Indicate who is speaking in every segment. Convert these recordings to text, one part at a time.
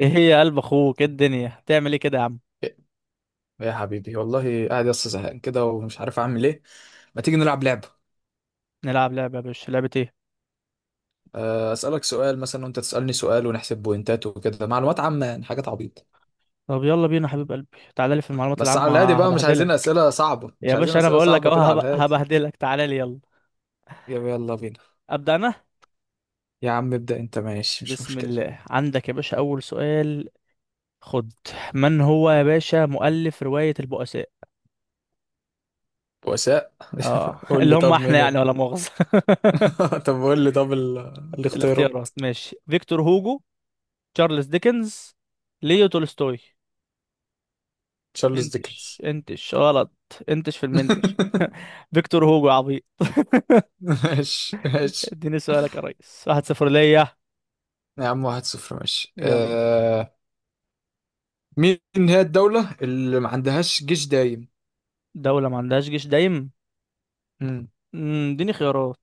Speaker 1: ايه هي يا قلب اخوك؟ ايه الدنيا هتعمل ايه كده يا عم؟
Speaker 2: يا حبيبي والله قاعد يا اسطى زهقان كده ومش عارف اعمل ايه. ما تيجي نلعب لعبه؟
Speaker 1: نلعب لعبه يا باشا؟ لعبه ايه؟
Speaker 2: اسالك سؤال مثلا وانت تسالني سؤال ونحسب بوينتات وكده معلومات عامه يعني حاجات عبيطه.
Speaker 1: طب يلا بينا يا حبيب قلبي. تعالى لي في المعلومات
Speaker 2: بس على الهادي
Speaker 1: العامه
Speaker 2: بقى، مش عايزين
Speaker 1: هبهدلك.
Speaker 2: اسئله صعبه،
Speaker 1: يا
Speaker 2: مش عايزين
Speaker 1: باشا انا
Speaker 2: اسئله
Speaker 1: بقول لك
Speaker 2: صعبه
Speaker 1: اهو
Speaker 2: كده على الهادي.
Speaker 1: هبهدلك. تعالى لي يلا.
Speaker 2: يا يلا بينا.
Speaker 1: ابدا انا.
Speaker 2: يا عم ابدا، انت ماشي مش
Speaker 1: بسم
Speaker 2: مشكله.
Speaker 1: الله. عندك يا باشا اول سؤال. خد. من هو يا باشا مؤلف روايه البؤساء؟
Speaker 2: بؤساء.
Speaker 1: اه
Speaker 2: قول
Speaker 1: اللي
Speaker 2: لي
Speaker 1: هم
Speaker 2: طب
Speaker 1: احنا
Speaker 2: مين
Speaker 1: يعني
Speaker 2: ال...
Speaker 1: ولا مؤاخذه.
Speaker 2: طب قول لي طب. الاختيارات.
Speaker 1: الاختيارات ماشي: فيكتور هوجو، تشارلز ديكنز، ليو تولستوي.
Speaker 2: تشارلز ديكنز.
Speaker 1: انتش غلط. انتش في المنتش. فيكتور هوجو يا عبيط.
Speaker 2: ماشي ماشي.
Speaker 1: اديني سؤالك يا ريس. واحد صفر ليا.
Speaker 2: يا عم، واحد صفر، ماشي.
Speaker 1: يلا.
Speaker 2: مين هي الدولة اللي ما عندهاش جيش دايم؟
Speaker 1: دولة ما عندهاش جيش دايم؟
Speaker 2: مم.
Speaker 1: مم، اديني خيارات.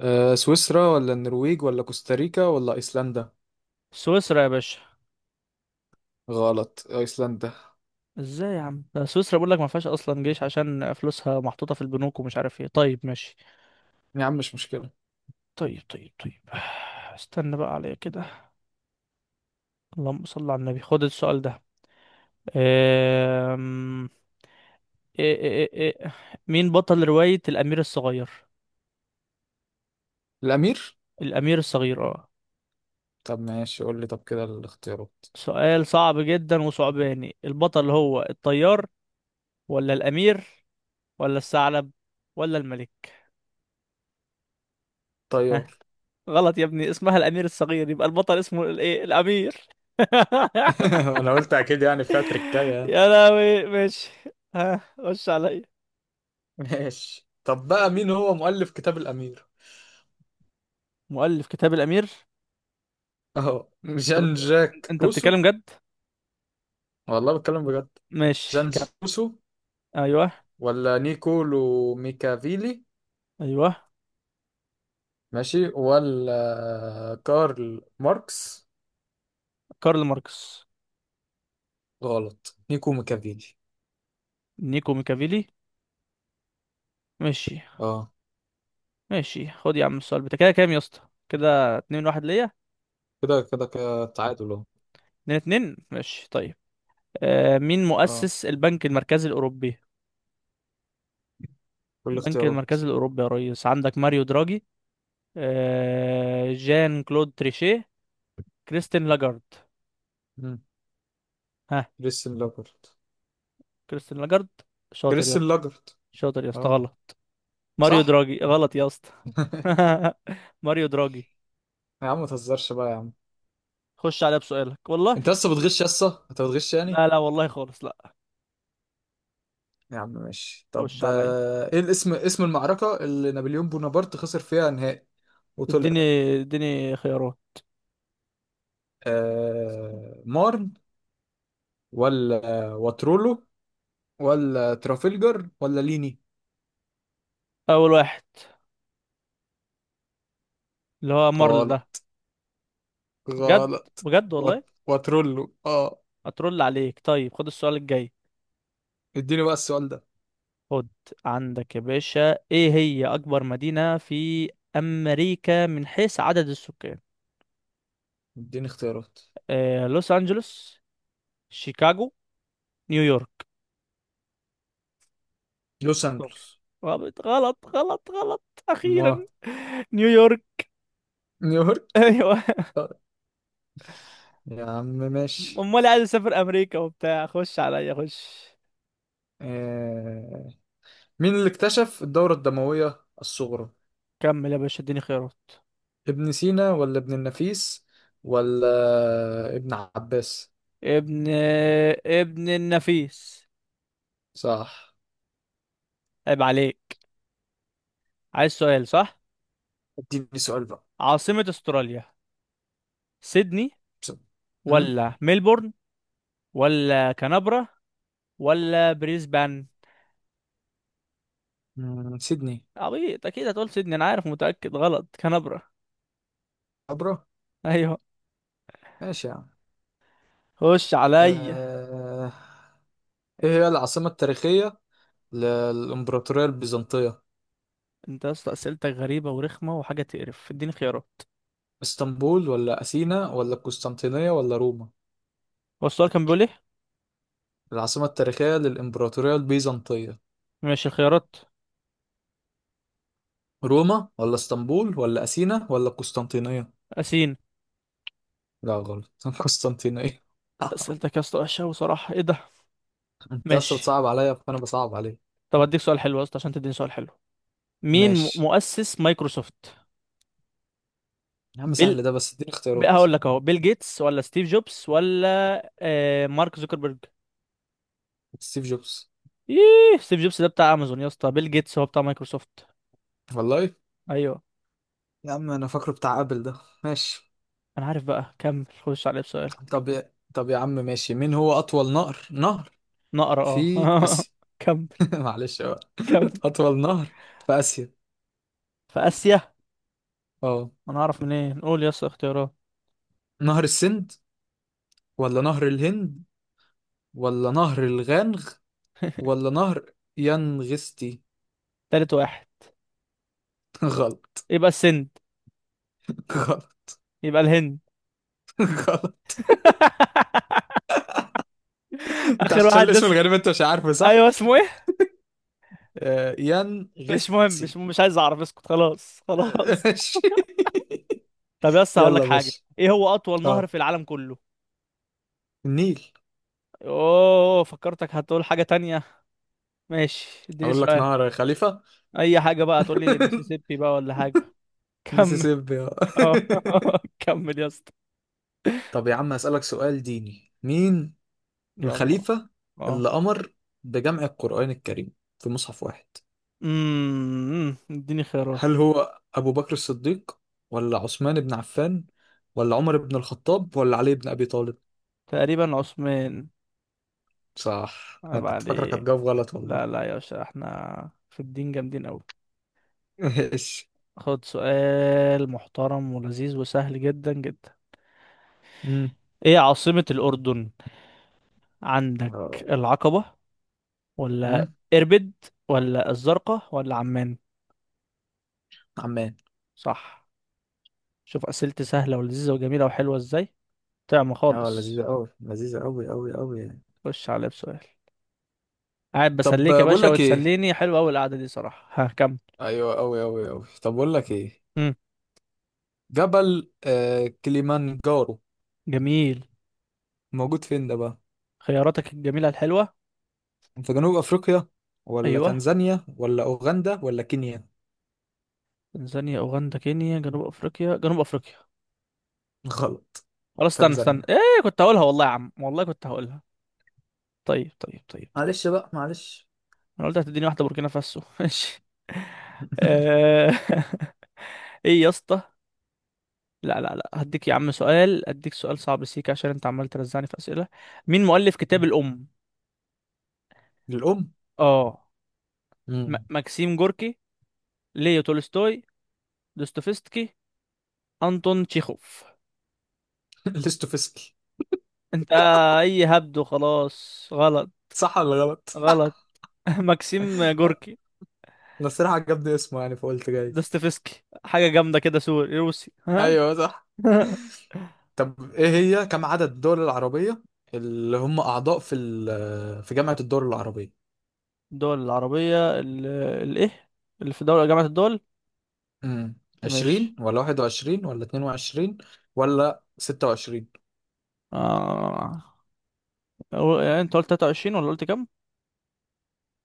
Speaker 2: سويسرا ولا النرويج ولا كوستاريكا ولا أيسلندا؟
Speaker 1: سويسرا يا باشا.
Speaker 2: غلط، أيسلندا.
Speaker 1: ازاي يا عم؟ ده سويسرا بقول لك ما فيهاش اصلا جيش عشان فلوسها محطوطة في البنوك ومش عارف ايه. طيب ماشي.
Speaker 2: يا عم مش مشكلة.
Speaker 1: طيب طيب طيب. استنى بقى عليا كده. اللهم صل على النبي. خد السؤال ده. أم... إيه إيه إيه إيه. مين بطل رواية الأمير الصغير؟
Speaker 2: الأمير؟
Speaker 1: الأمير الصغير، اه.
Speaker 2: طب ماشي، قول لي طب كده الاختيارات.
Speaker 1: سؤال صعب جدا وصعباني. البطل هو الطيار، ولا الأمير، ولا الثعلب، ولا الملك؟ ها.
Speaker 2: طيار.
Speaker 1: غلط يا ابني. اسمها الامير الصغير، يبقى البطل اسمه الايه؟ الامير.
Speaker 2: أنا قلت أكيد يعني فيها تركاية يعني.
Speaker 1: يا لهوي، ماشي. ها، خش عليا.
Speaker 2: ماشي، طب بقى مين هو مؤلف كتاب الأمير؟
Speaker 1: مؤلف كتاب الامير.
Speaker 2: أهو جان جاك
Speaker 1: انت
Speaker 2: روسو.
Speaker 1: بتتكلم جد؟
Speaker 2: والله بتكلم بجد.
Speaker 1: ماشي
Speaker 2: جان
Speaker 1: كم.
Speaker 2: جاك روسو
Speaker 1: ايوه.
Speaker 2: ولا نيكولو ميكافيلي؟
Speaker 1: ايوه.
Speaker 2: ماشي، ولا كارل ماركس؟
Speaker 1: كارل ماركس.
Speaker 2: غلط، نيكو ميكافيلي.
Speaker 1: نيكو ميكافيلي. ماشي.
Speaker 2: اه.
Speaker 1: ماشي. خد يا عم السؤال بتاع كده. كام يا اسطى؟ كده اتنين واحد ليا.
Speaker 2: كده كده كده، تعادل اهو.
Speaker 1: اتنين اتنين، ماشي طيب. آه، مين
Speaker 2: اه.
Speaker 1: مؤسس البنك المركزي الاوروبي؟
Speaker 2: كل
Speaker 1: البنك
Speaker 2: الاختيارات.
Speaker 1: المركزي الاوروبي يا ريس. عندك ماريو دراجي، آه، جان كلود تريشيه، كريستين لاجارد.
Speaker 2: مم.
Speaker 1: ها.
Speaker 2: كريستيان لاجرت.
Speaker 1: كريستين لاجارد. شاطر يا اسطى.
Speaker 2: كريستيان لاجرت.
Speaker 1: شاطر يا اسطى،
Speaker 2: اه.
Speaker 1: غلط. ماريو
Speaker 2: صح.
Speaker 1: دراجي، غلط يا اسطى. ماريو دراجي.
Speaker 2: يا عم ما تهزرش بقى يا عم.
Speaker 1: خش عليا بسؤالك والله.
Speaker 2: انت لسه بتغش، لسه انت بتغش يعني.
Speaker 1: لا لا والله خالص، لا.
Speaker 2: يا عم ماشي، طب
Speaker 1: خش
Speaker 2: ده،
Speaker 1: عليا.
Speaker 2: ايه الاسم، اسم المعركة اللي نابليون بونابرت خسر فيها نهائي وطلع؟
Speaker 1: اديني اديني خيارات.
Speaker 2: مارن، ولا واترولو، ولا ترافلجر، ولا ليني؟
Speaker 1: اول واحد، اللي هو مارل ده.
Speaker 2: غلط.
Speaker 1: بجد.
Speaker 2: غلط.
Speaker 1: بجد والله.
Speaker 2: واترولو، اه.
Speaker 1: اترول عليك. طيب خد السؤال الجاي.
Speaker 2: اديني بقى السؤال ده.
Speaker 1: خد. عندك يا باشا، ايه هي اكبر مدينة في امريكا من حيث عدد السكان؟
Speaker 2: اديني اختيارات.
Speaker 1: آه، لوس أنجلوس، شيكاغو، نيويورك.
Speaker 2: لوس
Speaker 1: اختار.
Speaker 2: انجلوس.
Speaker 1: غلط غلط غلط غلط.
Speaker 2: ما،
Speaker 1: أخيرا. نيويورك.
Speaker 2: نيويورك.
Speaker 1: أيوه.
Speaker 2: آه، يا عم ماشي.
Speaker 1: أمال عايز أسافر أمريكا وبتاع. خش عليا، خش.
Speaker 2: آه... مين اللي اكتشف الدورة الدموية الصغرى؟
Speaker 1: كمل يا باشا، اديني خيارات.
Speaker 2: ابن سينا، ولا ابن النفيس، ولا ابن عباس؟
Speaker 1: ابن ابن النفيس.
Speaker 2: صح.
Speaker 1: عيب عليك. عايز سؤال صح.
Speaker 2: اديني سؤال بقى.
Speaker 1: عاصمة استراليا: سيدني،
Speaker 2: بسرعة. مم؟
Speaker 1: ولا ميلبورن، ولا كانبرا، ولا بريسبان؟
Speaker 2: مم، سيدني.
Speaker 1: عبيط، اكيد هتقول سيدني، انا عارف. متأكد. غلط. كانبرا.
Speaker 2: عبرة.
Speaker 1: ايوه.
Speaker 2: ماشي يا عم.
Speaker 1: خش عليا.
Speaker 2: آه... ايه هي العاصمة التاريخية للإمبراطورية البيزنطية؟
Speaker 1: انت يا اسطى اسئلتك غريبه ورخمه وحاجه تقرف. اديني خيارات.
Speaker 2: اسطنبول ولا أثينا ولا القسطنطينية ولا روما؟
Speaker 1: هو السؤال كان بيقول ايه؟
Speaker 2: العاصمة التاريخية للإمبراطورية البيزنطية.
Speaker 1: ماشي، خيارات.
Speaker 2: روما ولا اسطنبول ولا أثينا ولا القسطنطينية؟
Speaker 1: اسين.
Speaker 2: لا، غلط، القسطنطينية.
Speaker 1: اسئلتك يا اسطى وحشه، وصراحه ايه ده.
Speaker 2: انت اصلا
Speaker 1: ماشي.
Speaker 2: بتصعب عليا فانا بصعب عليك.
Speaker 1: طب اديك سؤال حلو يا اسطى عشان تديني سؤال حلو. مين
Speaker 2: ماشي.
Speaker 1: مؤسس مايكروسوفت؟
Speaker 2: يا عم
Speaker 1: بيل.
Speaker 2: سهل ده، بس اديني
Speaker 1: بقى
Speaker 2: اختيارات.
Speaker 1: هقول لك اهو: بيل جيتس، ولا ستيف جوبز، ولا آه، مارك زوكربيرج؟
Speaker 2: ستيف جوبز.
Speaker 1: ايه ستيف جوبز ده؟ بتاع امازون يا اسطى. بيل جيتس هو بتاع مايكروسوفت.
Speaker 2: والله.
Speaker 1: ايوه.
Speaker 2: يا عم انا فاكره بتاع ابل ده. ماشي.
Speaker 1: انا عارف بقى. كمل، خش عليه بسؤال.
Speaker 2: طب يا عم ماشي، مين هو اطول نهر
Speaker 1: نقرا.
Speaker 2: في
Speaker 1: اه
Speaker 2: اسيا؟
Speaker 1: كمل.
Speaker 2: معلش بقى.
Speaker 1: كمل.
Speaker 2: اطول نهر في اسيا.
Speaker 1: في اسيا.
Speaker 2: اه.
Speaker 1: انا اعرف منين؟ قول يا اسطى اختيارات.
Speaker 2: نهر السند، ولا نهر الهند، ولا نهر الغانغ، ولا نهر ينغستي؟
Speaker 1: تالت واحد.
Speaker 2: غلط.
Speaker 1: يبقى السند.
Speaker 2: غلط.
Speaker 1: يبقى الهند.
Speaker 2: غلط. انت
Speaker 1: اخر
Speaker 2: عشان
Speaker 1: واحد
Speaker 2: الاسم
Speaker 1: دس.
Speaker 2: الغريب، انت مش عارفه صح.
Speaker 1: ايوه اسمه ايه؟ مش مهم،
Speaker 2: ينغستي.
Speaker 1: مش عايز اعرف. اسكت خلاص خلاص.
Speaker 2: ماشي.
Speaker 1: طب يس هقول لك
Speaker 2: يلا يا
Speaker 1: حاجه.
Speaker 2: باشا.
Speaker 1: ايه هو اطول نهر
Speaker 2: اه.
Speaker 1: في العالم كله؟
Speaker 2: النيل.
Speaker 1: اوه، فكرتك هتقول حاجه تانية. ماشي اديني
Speaker 2: اقول لك
Speaker 1: سؤال.
Speaker 2: نهر يا خليفة.
Speaker 1: اي حاجه بقى. تقول لي المسيسيبي بقى ولا حاجه. كمل.
Speaker 2: ميسيسيبي، اه.
Speaker 1: اه كمل يا اسطى.
Speaker 2: طب يا عم هسألك سؤال ديني، مين
Speaker 1: يلا.
Speaker 2: الخليفة
Speaker 1: اه.
Speaker 2: اللي أمر بجمع القرآن الكريم في مصحف واحد؟
Speaker 1: اديني خيارات.
Speaker 2: هل هو أبو بكر الصديق، ولا عثمان بن عفان، ولا عمر بن الخطاب، ولا علي بن أبي طالب؟
Speaker 1: تقريبا عثمان.
Speaker 2: صح، أنا
Speaker 1: عيب
Speaker 2: كنت فاكرك
Speaker 1: عليك.
Speaker 2: هتجاوب غلط والله.
Speaker 1: لا لا يا باشا، احنا في الدين جامدين أوي.
Speaker 2: ماشي.
Speaker 1: خد سؤال محترم ولذيذ وسهل جدا جدا.
Speaker 2: امم.
Speaker 1: ايه عاصمة الأردن؟ عندك
Speaker 2: اه.
Speaker 1: العقبة، ولا
Speaker 2: امم.
Speaker 1: إربد، ولا الزرقاء، ولا عمان؟
Speaker 2: عمان.
Speaker 1: صح. شوف أسئلتي سهلة ولذيذة وجميلة وحلوة ازاي. طعم
Speaker 2: اه،
Speaker 1: خالص.
Speaker 2: لذيذة أوي، لذيذة أوي أوي أوي يعني.
Speaker 1: خش عليا بسؤال. قاعد
Speaker 2: طب
Speaker 1: بسليك يا
Speaker 2: بقول
Speaker 1: باشا
Speaker 2: لك إيه.
Speaker 1: وتسليني. حلوة أوي القعدة دي صراحة. ها كم؟
Speaker 2: أيوة أوي أوي أوي، طب بقول لك إيه.
Speaker 1: مم.
Speaker 2: جبل كليمانجارو
Speaker 1: جميل.
Speaker 2: موجود فين ده بقى؟
Speaker 1: خياراتك الجميلة الحلوة.
Speaker 2: في جنوب أفريقيا ولا
Speaker 1: أيوه.
Speaker 2: تنزانيا ولا أوغندا ولا كينيا؟
Speaker 1: تنزانيا، أوغندا، كينيا، جنوب أفريقيا. جنوب أفريقيا.
Speaker 2: غلط،
Speaker 1: خلاص استنى استنى،
Speaker 2: تنزانيا.
Speaker 1: ايه كنت هقولها والله يا عم، والله كنت هقولها. طيب طيب طيب طيب.
Speaker 2: معلش بقى معلش.
Speaker 1: انا قلت هتديني واحده بوركينا فاسو. ماشي. آه. ايه يا اسطى؟ لا لا لا، هديك يا عم سؤال، اديك سؤال صعب سيك عشان انت عمال ترزعني في اسئله. مين مؤلف كتاب الام؟
Speaker 2: للأم.
Speaker 1: اه. م
Speaker 2: امم.
Speaker 1: ماكسيم جوركي، ليو تولستوي، دوستويفسكي، انطون تشيخوف.
Speaker 2: الاستوفسكي.
Speaker 1: انت. اي هبد وخلاص. غلط.
Speaker 2: صح ولا غلط؟
Speaker 1: غلط. ماكسيم جوركي.
Speaker 2: انا الصراحة عجبني اسمه يعني فقلت جايز.
Speaker 1: دوستويفسكي حاجه جامده كده، سوري روسي. ها.
Speaker 2: ايوه صح. طب ايه هي كم عدد الدول العربية اللي هم أعضاء في في جامعة الدول العربية؟
Speaker 1: الدول العربية الايه؟ اللي في دولة جامعة الدول.
Speaker 2: امم.
Speaker 1: مش.
Speaker 2: 20 ولا 21 ولا 22 ولا 26؟
Speaker 1: آه. يعني انت قلت 23 ولا قلت كام؟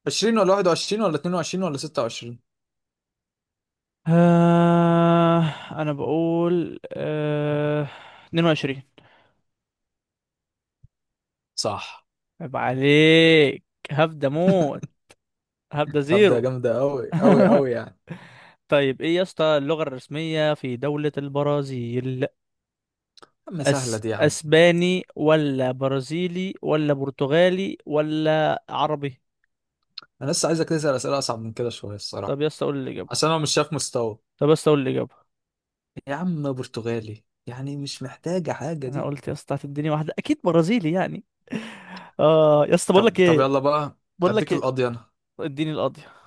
Speaker 2: 20 ولا 21 ولا 22 ولا 26.
Speaker 1: آه. انا بقول آه. 22.
Speaker 2: صح.
Speaker 1: عيب عليك. هبدأ موت. هبدأ
Speaker 2: طب ده
Speaker 1: زيرو.
Speaker 2: جامدة أوي أوي أوي يعني.
Speaker 1: طيب ايه يا اسطى اللغة الرسمية في دولة البرازيل؟
Speaker 2: يا عم سهلة دي يا عم.
Speaker 1: اسباني، ولا برازيلي، ولا برتغالي، ولا عربي؟
Speaker 2: أنا لسه عايزك تسأل أسئلة أصعب من كده شوية
Speaker 1: طب
Speaker 2: الصراحة.
Speaker 1: يا اسطى قول الإجابة.
Speaker 2: عشان أنا مش شايف مستوى.
Speaker 1: طب يا اسطى قول الإجابة.
Speaker 2: يا عم برتغالي يعني مش محتاجة حاجة
Speaker 1: انا
Speaker 2: دي.
Speaker 1: قلت يا اسطى هتديني واحده اكيد برازيلي يعني. اه يا اسطى بقول
Speaker 2: طب
Speaker 1: لك
Speaker 2: طب
Speaker 1: ايه.
Speaker 2: يلا بقى.
Speaker 1: بقول لك
Speaker 2: اديك
Speaker 1: ايه.
Speaker 2: القاضي انا.
Speaker 1: اديني القاضيه.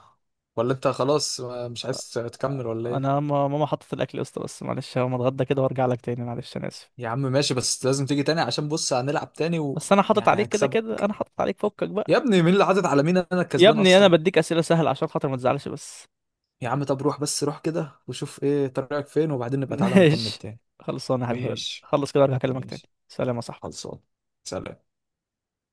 Speaker 2: ولا انت خلاص مش عايز تكمل ولا ايه؟
Speaker 1: انا ماما حطت الاكل يا اسطى بس معلش، هقوم اتغدى كده وارجع لك تاني معلش، انا اسف.
Speaker 2: يا عم ماشي، بس لازم تيجي تاني عشان بص هنلعب تاني
Speaker 1: بس انا حاطط
Speaker 2: ويعني
Speaker 1: عليك كده كده،
Speaker 2: هكسبك.
Speaker 1: انا حاطط عليك فكك
Speaker 2: يا
Speaker 1: بقى.
Speaker 2: ابني مين اللي حاطط على مين؟ انا
Speaker 1: يا
Speaker 2: الكسبان
Speaker 1: ابني انا
Speaker 2: اصلا.
Speaker 1: بديك اسئله سهله عشان خاطر ما تزعلش بس.
Speaker 2: يا عم طب روح بس، روح كده وشوف ايه طريقك فين، وبعدين نبقى تعالى نكمل
Speaker 1: ماشي.
Speaker 2: تاني.
Speaker 1: خلصانه يا حبيب قلبي،
Speaker 2: ماشي.
Speaker 1: خلص كده وارجع اكلمك تاني.
Speaker 2: ماشي.
Speaker 1: سلام يا صاحبي.
Speaker 2: خلصان. سلام.